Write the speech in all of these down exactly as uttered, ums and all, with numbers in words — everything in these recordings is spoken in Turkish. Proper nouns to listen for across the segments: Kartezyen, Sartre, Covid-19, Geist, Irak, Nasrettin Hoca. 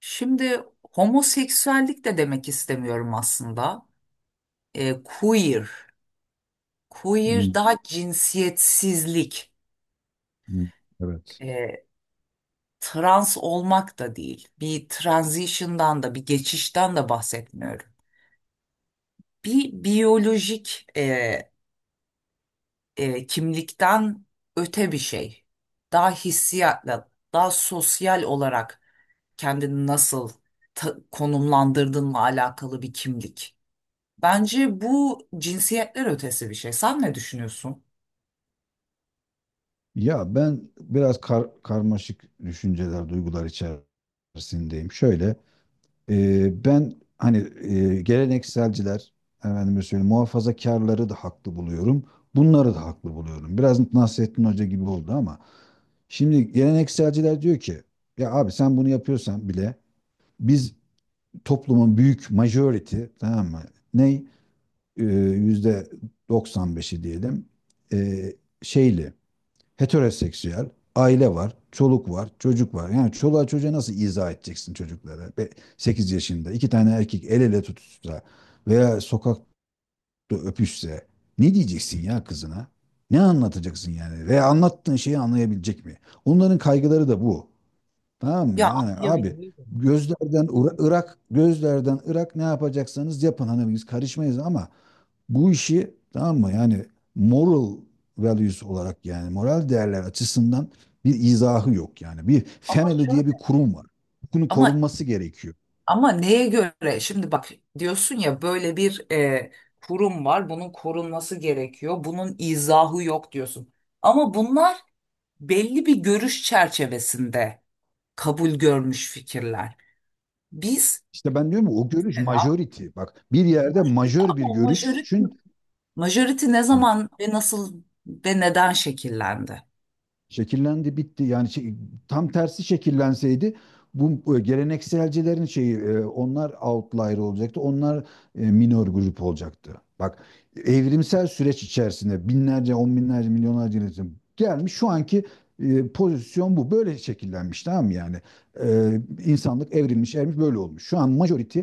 Şimdi homoseksüellik de demek istemiyorum aslında. E, queer. Queer Hmm, daha cinsiyetsizlik. hmm, Evet. E, Trans olmak da değil. Bir transition'dan da bir geçişten de bahsetmiyorum. Bir biyolojik e, e, kimlikten öte bir şey. Daha hissiyatla, daha sosyal olarak kendini nasıl ta- konumlandırdığınla alakalı bir kimlik. Bence bu cinsiyetler ötesi bir şey. Sen ne düşünüyorsun? Ya ben biraz kar- karmaşık düşünceler, duygular içerisindeyim. Şöyle, e, ben hani e, gelenekselciler, efendime söyleyeyim, muhafazakarları da haklı buluyorum. Bunları da haklı buluyorum. Biraz Nasrettin Hoca gibi oldu ama şimdi gelenekselciler diyor ki, ya abi sen bunu yapıyorsan bile biz toplumun büyük majority, tamam mı? Ne? E, yüzde doksan beşi diyelim. E, Şeyli heteroseksüel, aile var, çoluk var, çocuk var. Yani çoluğa çocuğa nasıl izah edeceksin çocuklara? Sekiz yaşında iki tane erkek el ele tutuşsa veya sokakta öpüşse ne diyeceksin ya kızına? Ne anlatacaksın yani? Veya anlattığın şeyi anlayabilecek mi? Onların kaygıları da bu. Tamam mı? Ya, Yani abi anlayabiliyorum. gözlerden Ira- Irak, gözlerden Irak ne yapacaksanız yapın. Hani biz karışmayız ama bu işi tamam mı? Yani moral values olarak yani moral değerler açısından bir izahı yok yani. Bir Ama family diye bir şöyle. kurum var. Bunun Ama korunması gerekiyor. ama neye göre? Şimdi bak, diyorsun ya, böyle bir e, kurum var. Bunun korunması gerekiyor. Bunun izahı yok diyorsun. Ama bunlar belli bir görüş çerçevesinde kabul görmüş fikirler. Biz İşte ben diyorum ya, o görüş mesela majority. Bak bir yerde majority, majör ama bir o majority, görüşün majority ne zaman ve nasıl ve neden şekillendi? şekillendi bitti. Yani şey- tam tersi şekillenseydi bu e, gelenekselcilerin şeyi e, onlar outlier olacaktı. Onlar e, minor grup olacaktı. Bak evrimsel süreç içerisinde binlerce, on binlerce, milyonlarca insan içinde gelmiş şu anki e, pozisyon bu. Böyle şekillenmiş tamam mı yani? E, insanlık evrilmiş, evrilmiş böyle olmuş. Şu an majority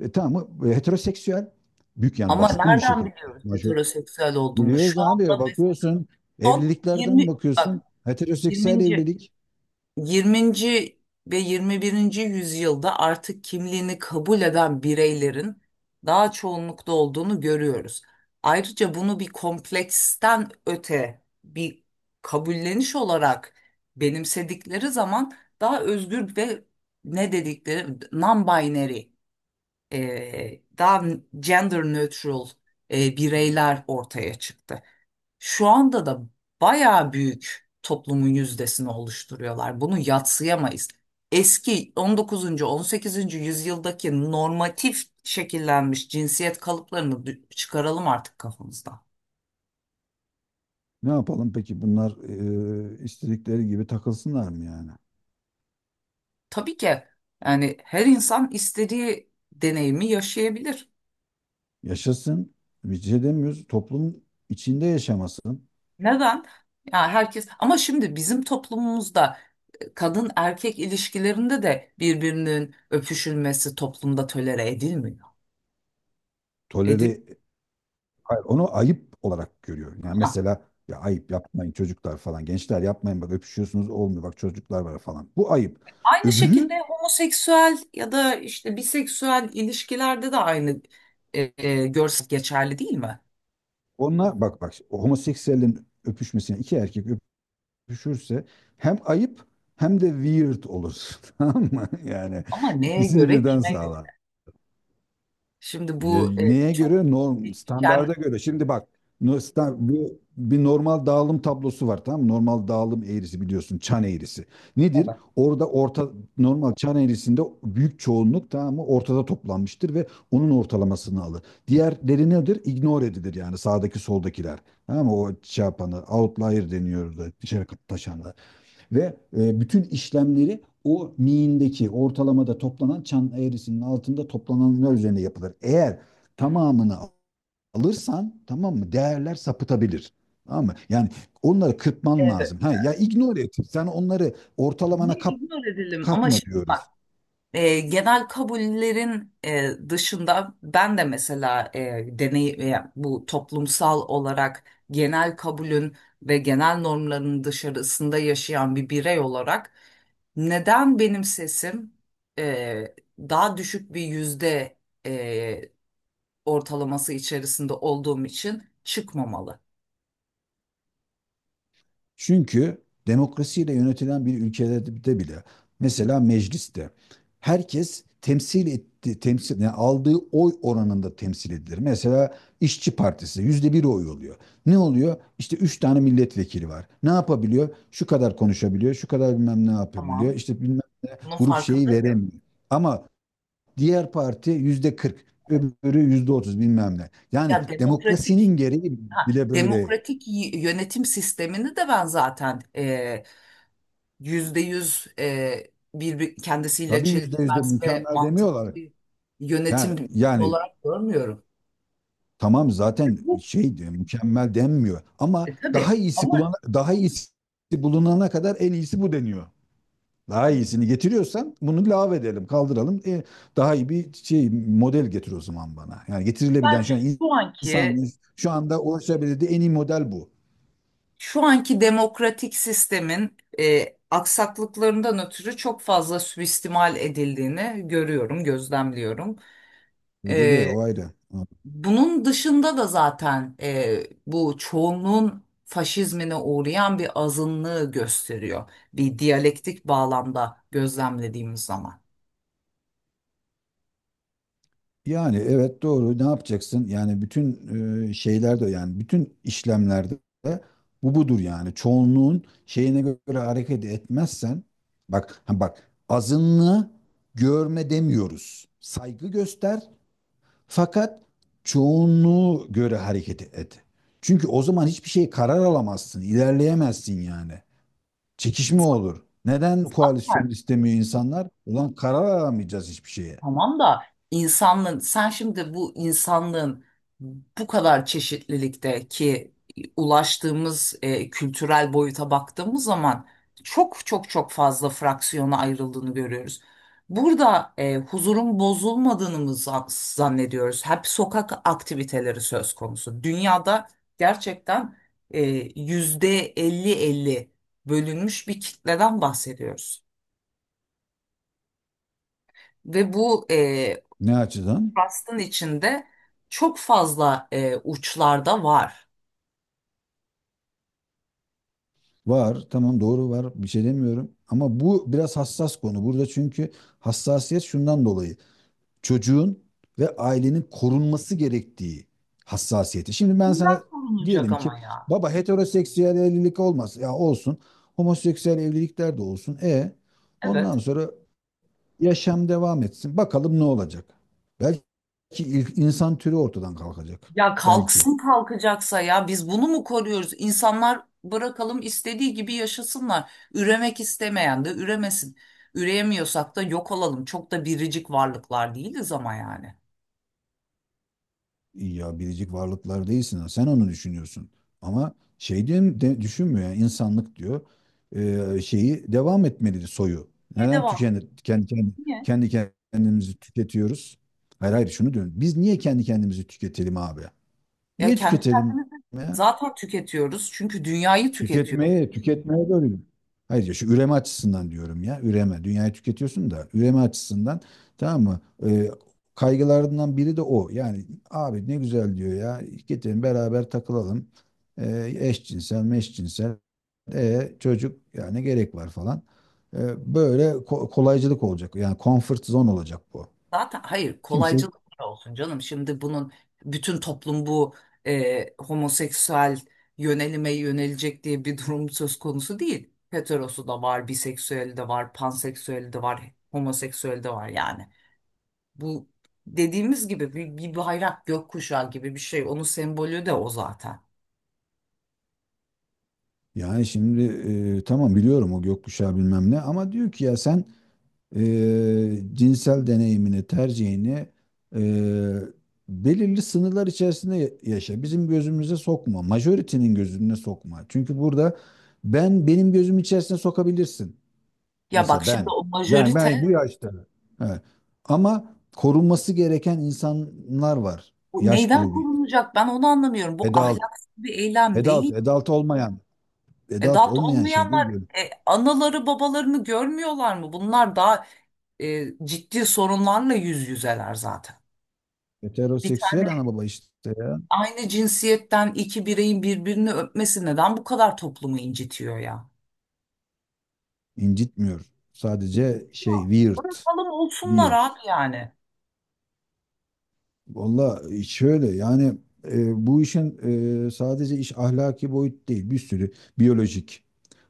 e, tamam mı? E, Heteroseksüel büyük yani Ama baskın bir nereden şekilde biliyoruz major. heteroseksüel olduğunu? Biliyoruz Şu abi anda mesela bakıyorsun son evliliklerden yirminci, bak, bakıyorsun heteroseksüel yirminci. evlilik. yirminci ve yirmi birinci yüzyılda artık kimliğini kabul eden bireylerin daha çoğunlukta olduğunu görüyoruz. Ayrıca bunu bir kompleksten öte bir kabulleniş olarak benimsedikleri zaman daha özgür ve ne dedikleri non-binary, e, daha gender neutral e, Evet. bireyler ortaya çıktı. Şu anda da bayağı büyük toplumun yüzdesini oluşturuyorlar. Bunu yadsıyamayız. Eski on dokuzuncu. on sekizinci yüzyıldaki normatif şekillenmiş cinsiyet kalıplarını dü- çıkaralım artık kafamızdan. Ne yapalım peki bunlar e, istedikleri gibi takılsınlar mı yani? Tabii ki, yani her insan istediği deneyimi yaşayabilir. Yaşasın. Bir şey demiyoruz. Toplum içinde yaşamasın. Neden? Ya herkes, ama şimdi bizim toplumumuzda e, kadın erkek ilişkilerinde de birbirinin öpüşülmesi toplumda tolere edilmiyor. Edilmiyor. Toleri hayır, onu ayıp olarak görüyor. Yani Ha, mesela ya ayıp yapmayın çocuklar falan. Gençler yapmayın bak öpüşüyorsunuz olmuyor. Bak çocuklar var falan. Bu ayıp. aynı şekilde Öbürü homoseksüel ya da işte biseksüel ilişkilerde de aynı e, e, görsel geçerli değil mi? onlar bak, bak homoseksüellerin öpüşmesine iki erkek düşürse hem ayıp hem de weird olur. Tamam mı? Yani Ama neye ikisini göre, birden kime göre? sağlar. Şimdi E, bu e, Neye çok göre? Norm, standarda değişken. göre. Şimdi bak no- sta- bu bir normal dağılım tablosu var tamam mı? Normal dağılım eğrisi biliyorsun çan eğrisi. Nedir? Evet. Orada orta normal çan eğrisinde büyük çoğunluk tamam mı? Ortada toplanmıştır ve onun ortalamasını alır. Diğerleri nedir? Ignore edilir yani sağdaki soldakiler. Tamam mı? O şey yapanı outlier deniyor da dışarı taşanlar. Ve e, bütün işlemleri o miğindeki ortalamada toplanan çan eğrisinin altında toplananlar üzerine yapılır. Eğer tamamını alırsan tamam mı değerler sapıtabilir. Tamam mı? Yani onları kırpman lazım. Ha, ya ignore et. Sen onları ortalamana Niye kap, ignore edelim? Ama katma şimdi bak. diyoruz. E, genel kabullerin e, dışında ben de mesela e, deney e, bu toplumsal olarak genel kabulün ve genel normların dışarısında yaşayan bir birey olarak neden benim sesim e, daha düşük bir yüzde e, ortalaması içerisinde olduğum için çıkmamalı? Çünkü demokrasiyle yönetilen bir ülkede bile mesela mecliste herkes temsil etti temsil yani aldığı oy oranında temsil edilir. Mesela İşçi Partisi yüzde bir oy oluyor. Ne oluyor? İşte üç tane milletvekili var. Ne yapabiliyor? Şu kadar konuşabiliyor, şu kadar bilmem ne yapabiliyor. Tamam, İşte bilmem bunun grup şeyi farkındayım. veremiyor. Ama diğer parti yüzde kırk, öbürü yüzde otuz bilmem ne. Yani Ya demokratik, demokrasinin gereği ha, bile böyle. demokratik y- yönetim sistemini de ben zaten e, yüzde yüz e, bir, bir- kendisiyle Tabii yüzde yüzde çelişmez ve mükemmel mantıklı demiyorlar. bir Ya, yönetim yani olarak görmüyorum. tamam zaten Bu şey diyor, mükemmel denmiyor ama e, daha tabii, iyisi ama bulana, daha iyisi bulunana kadar en iyisi bu deniyor. Daha iyisini getiriyorsan bunu lave edelim, kaldıralım. E, daha iyi bir şey model getir o zaman bana. Yani ben getirilebilen şu an şu anki insanın şu anda ulaşabildiği en iyi model bu. şu anki demokratik sistemin e, aksaklıklarından ötürü çok fazla suistimal edildiğini görüyorum, gözlemliyorum. Ediliyor E, o ayrı. Bunun dışında da zaten e, bu çoğunluğun faşizmine uğrayan bir azınlığı gösteriyor. Bir diyalektik bağlamda gözlemlediğimiz zaman. Yani evet doğru ne yapacaksın? Yani bütün e, şeylerde yani bütün işlemlerde bu budur yani. Çoğunluğun şeyine göre hareket etmezsen bak ha bak azınlığı görme demiyoruz. Saygı göster fakat çoğunluğu göre hareket et. Çünkü o zaman hiçbir şey karar alamazsın, ilerleyemezsin yani. Çekişme olur. Neden Zaten. koalisyon istemiyor insanlar? Ulan karar alamayacağız hiçbir şeye. Tamam da, insanlığın, sen şimdi bu insanlığın bu kadar çeşitlilikteki ulaştığımız e, kültürel boyuta baktığımız zaman çok çok çok fazla fraksiyona ayrıldığını görüyoruz. Burada e, huzurun bozulmadığını mı zan- zannediyoruz? Hep sokak aktiviteleri söz konusu. Dünyada gerçekten e, yüzde elli elli bölünmüş bir kitleden bahsediyoruz. Ve bu e, Ne açıdan? Rust'ın içinde çok fazla e, uçlarda var. Var, tamam doğru var. Bir şey demiyorum. Ama bu biraz hassas konu. Burada çünkü hassasiyet şundan dolayı. Çocuğun ve ailenin korunması gerektiği hassasiyeti. Şimdi ben Bundan sana korunacak diyelim ama ki ya. baba heteroseksüel evlilik olmaz. Ya olsun. Homoseksüel evlilikler de olsun. E ondan Evet. sonra yaşam devam etsin. Bakalım ne olacak. Belki il- insan türü ortadan kalkacak. Ya Belki. kalksın, kalkacaksa. Ya biz bunu mu koruyoruz? İnsanlar, bırakalım istediği gibi yaşasınlar. Üremek istemeyen de üremesin. Üreyemiyorsak da yok olalım. Çok da biricik varlıklar değiliz ama yani. Ya biricik varlıklar değilsin. Ha, sen onu düşünüyorsun. Ama şey diye de, düşünmüyor yani insanlık diyor. Ee, şeyi devam etmelidir soyu. Niye Neden devam? tüken, kendi, kendi, Niye? kendi kendimizi tüketiyoruz? Hayır hayır şunu diyorum. Biz niye kendi kendimizi tüketelim abi? Ya Niye kendi tüketelim kendimizi ya? zaten tüketiyoruz. Çünkü dünyayı tüketiyoruz. Tüketmeye, tüketmeye dönüyor. Hayır ya şu üreme açısından diyorum ya. Üreme. Dünyayı tüketiyorsun da üreme açısından tamam mı? Ee, Kaygılarından biri de o. Yani abi ne güzel diyor ya. Getirin beraber takılalım. Ee, eşcinsel, meşcinsel. E, çocuk yani gerek var falan. Ee, böyle ko- kolaycılık olacak. Yani comfort zone olacak bu. Zaten, hayır, Kimse kolaycılık olsun canım. Şimdi bunun, bütün toplum bu e, homoseksüel yönelime yönelecek diye bir durum söz konusu değil. Heterosu da var, biseksüeli de var, panseksüeli de var, homoseksüeli de var yani. Bu, dediğimiz gibi bir, bir bayrak, gökkuşağı gibi bir şey. Onun sembolü de o zaten. yani şimdi e, tamam biliyorum o gökkuşağı bilmem ne ama diyor ki ya sen eee, cinsel deneyimini, tercihini eee, belirli sınırlar içerisinde ya- yaşa. Bizim gözümüze sokma. Majority'nin gözüne sokma. Çünkü burada ben benim gözüm içerisine sokabilirsin. Ya bak, Mesela şimdi ben. o Ben ben bu majörite. yaşta. Evet. Ama korunması gereken insanlar var. Bu Yaş neyden grubu. korunacak? Ben onu anlamıyorum. Bu Adult, ahlaksız bir eylem adult, değil. adult olmayan, adult Adopt olmayan şey değil olmayanlar diyorum. e, anaları babalarını görmüyorlar mı? Bunlar daha e, ciddi sorunlarla yüz yüzeler zaten. Bir tane Heteroseksüel ana baba işte ya. aynı cinsiyetten iki bireyin birbirini öpmesi neden bu kadar toplumu incitiyor ya? İncitmiyor. Sadece Ya, şey weird. bırakalım olsunlar Bir. abi yani. Valla şöyle yani e, bu işin e, sadece iş ahlaki boyut değil. Bir sürü biyolojik,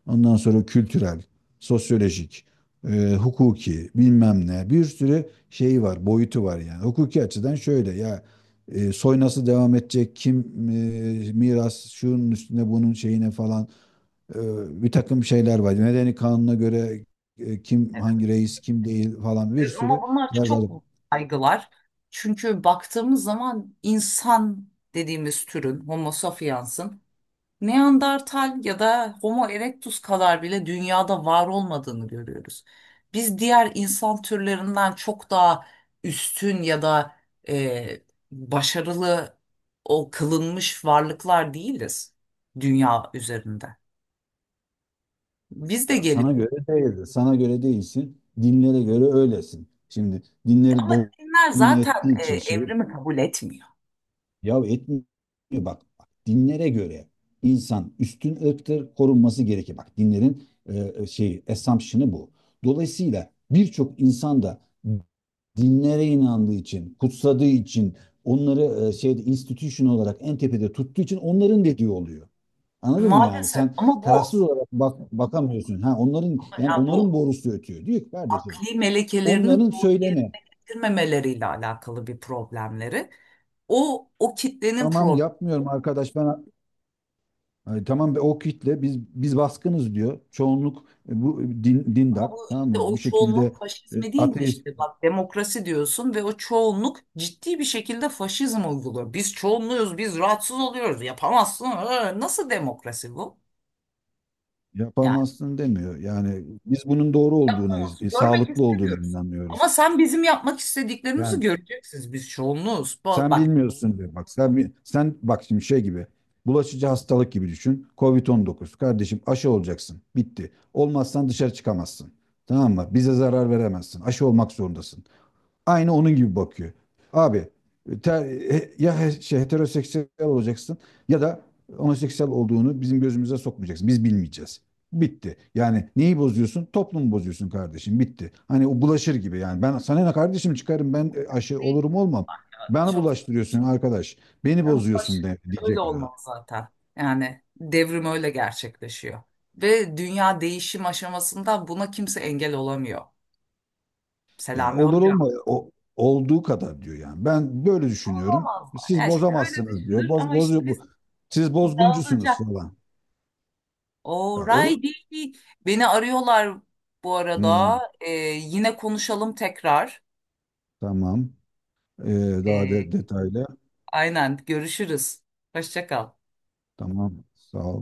ondan sonra kültürel, sosyolojik, e, hukuki bilmem ne bir sürü şeyi var, boyutu var yani. Hukuki açıdan şöyle ya e, soy nasıl devam edecek, kim e, miras şunun üstüne bunun şeyine falan e, bir takım şeyler var. Medeni kanuna göre e, kim hangi reis kim değil falan bir E, Ama sürü. bunlar çok kaygılar. Çünkü baktığımız zaman insan dediğimiz türün, homo sapiens'ın, Neandertal ya da Homo erectus kadar bile dünyada var olmadığını görüyoruz. Biz diğer insan türlerinden çok daha üstün ya da e, başarılı o kılınmış varlıklar değiliz dünya üzerinde. Biz de Ya sana gelip, göre değildir. Sana göre değilsin. Dinlere göre öylesin. Şimdi dinleri ama dinler domine zaten ettiği e, için şey evrimi kabul etmiyor. ya etmiyor. Bak, bak dinlere göre insan üstün ırktır korunması gerekir. Bak dinlerin e, e, şey assumption'ı bu. Dolayısıyla birçok insan da dinlere inandığı için, kutsadığı için, onları e, şeyde institution olarak en tepede tuttuğu için onların dediği oluyor. Anladın mı yani? Maalesef, Sen ama bu tarafsız olarak bak, bakamıyorsun. Ha onların Ama yani ya onların bu borusu ötüyor. Diyor ki kardeşim akli melekelerini onların doğru söyleme. yerine getirmemeleriyle alakalı bir problemleri. O o kitlenin Tamam problemi. yapmıyorum arkadaş ben. Ay, tamam be, o kitle biz biz baskınız diyor. Çoğunluk e, bu e, din, Ama dindar bu tamam işte mı? Bu o şekilde çoğunluk e, faşizmi değil mi ateist işte? Bak, demokrasi diyorsun ve o çoğunluk ciddi bir şekilde faşizm uyguluyor. Biz çoğunluğuz, biz rahatsız oluyoruz. Yapamazsın. Ee, Nasıl demokrasi bu? Yani yapamazsın demiyor. Yani biz bunun doğru olduğuna, yapamazsın. e, Görmek sağlıklı olduğuna istemiyoruz. inanıyoruz. Ama sen bizim yapmak istediklerimizi Yani göreceksiniz. Biz çoğunluğuz. Ba- sen Bak, bilmiyorsun diyor. Bak sen bi- sen bak şimdi şey gibi. Bulaşıcı hastalık gibi düşün. kovid on dokuz kardeşim aşı olacaksın. Bitti. Olmazsan dışarı çıkamazsın. Tamam mı? Bize zarar veremezsin. Aşı olmak zorundasın aynı onun gibi bakıyor. Abi ter- ya he- şey, heteroseksüel olacaksın ya da homoseksüel olduğunu bizim gözümüze sokmayacaksın. Biz bilmeyeceğiz. Bitti. Yani neyi bozuyorsun? Toplumu bozuyorsun kardeşim. Bitti. Hani o bulaşır gibi yani. Ben sana ne kardeşim çıkarım ben e, aşı olurum değiştirdim olmam. bak ya. Bana Çok. bulaştırıyorsun arkadaş. Beni Yani Ulaş, bozuyorsun de, öyle diyecek o da. olmaz zaten. Yani devrim öyle gerçekleşiyor. Ve dünya değişim aşamasında buna kimse engel olamıyor. Ya Selami olur olma Hoca. o olduğu kadar diyor yani. Ben böyle düşünüyorum. Olamazlar. Siz Yani işte öyle bozamazsınız diyor. düşünür, Boz, ama işte Bozuyor bu. biz Siz bozguncusunuz dağılacak. falan. Ya olur. Alrighty. Beni arıyorlar bu Hmm, arada. Ee, yine konuşalım tekrar. tamam. Ee, daha Ee, de detaylı. aynen, görüşürüz. Hoşça kal. Tamam. Sağ ol.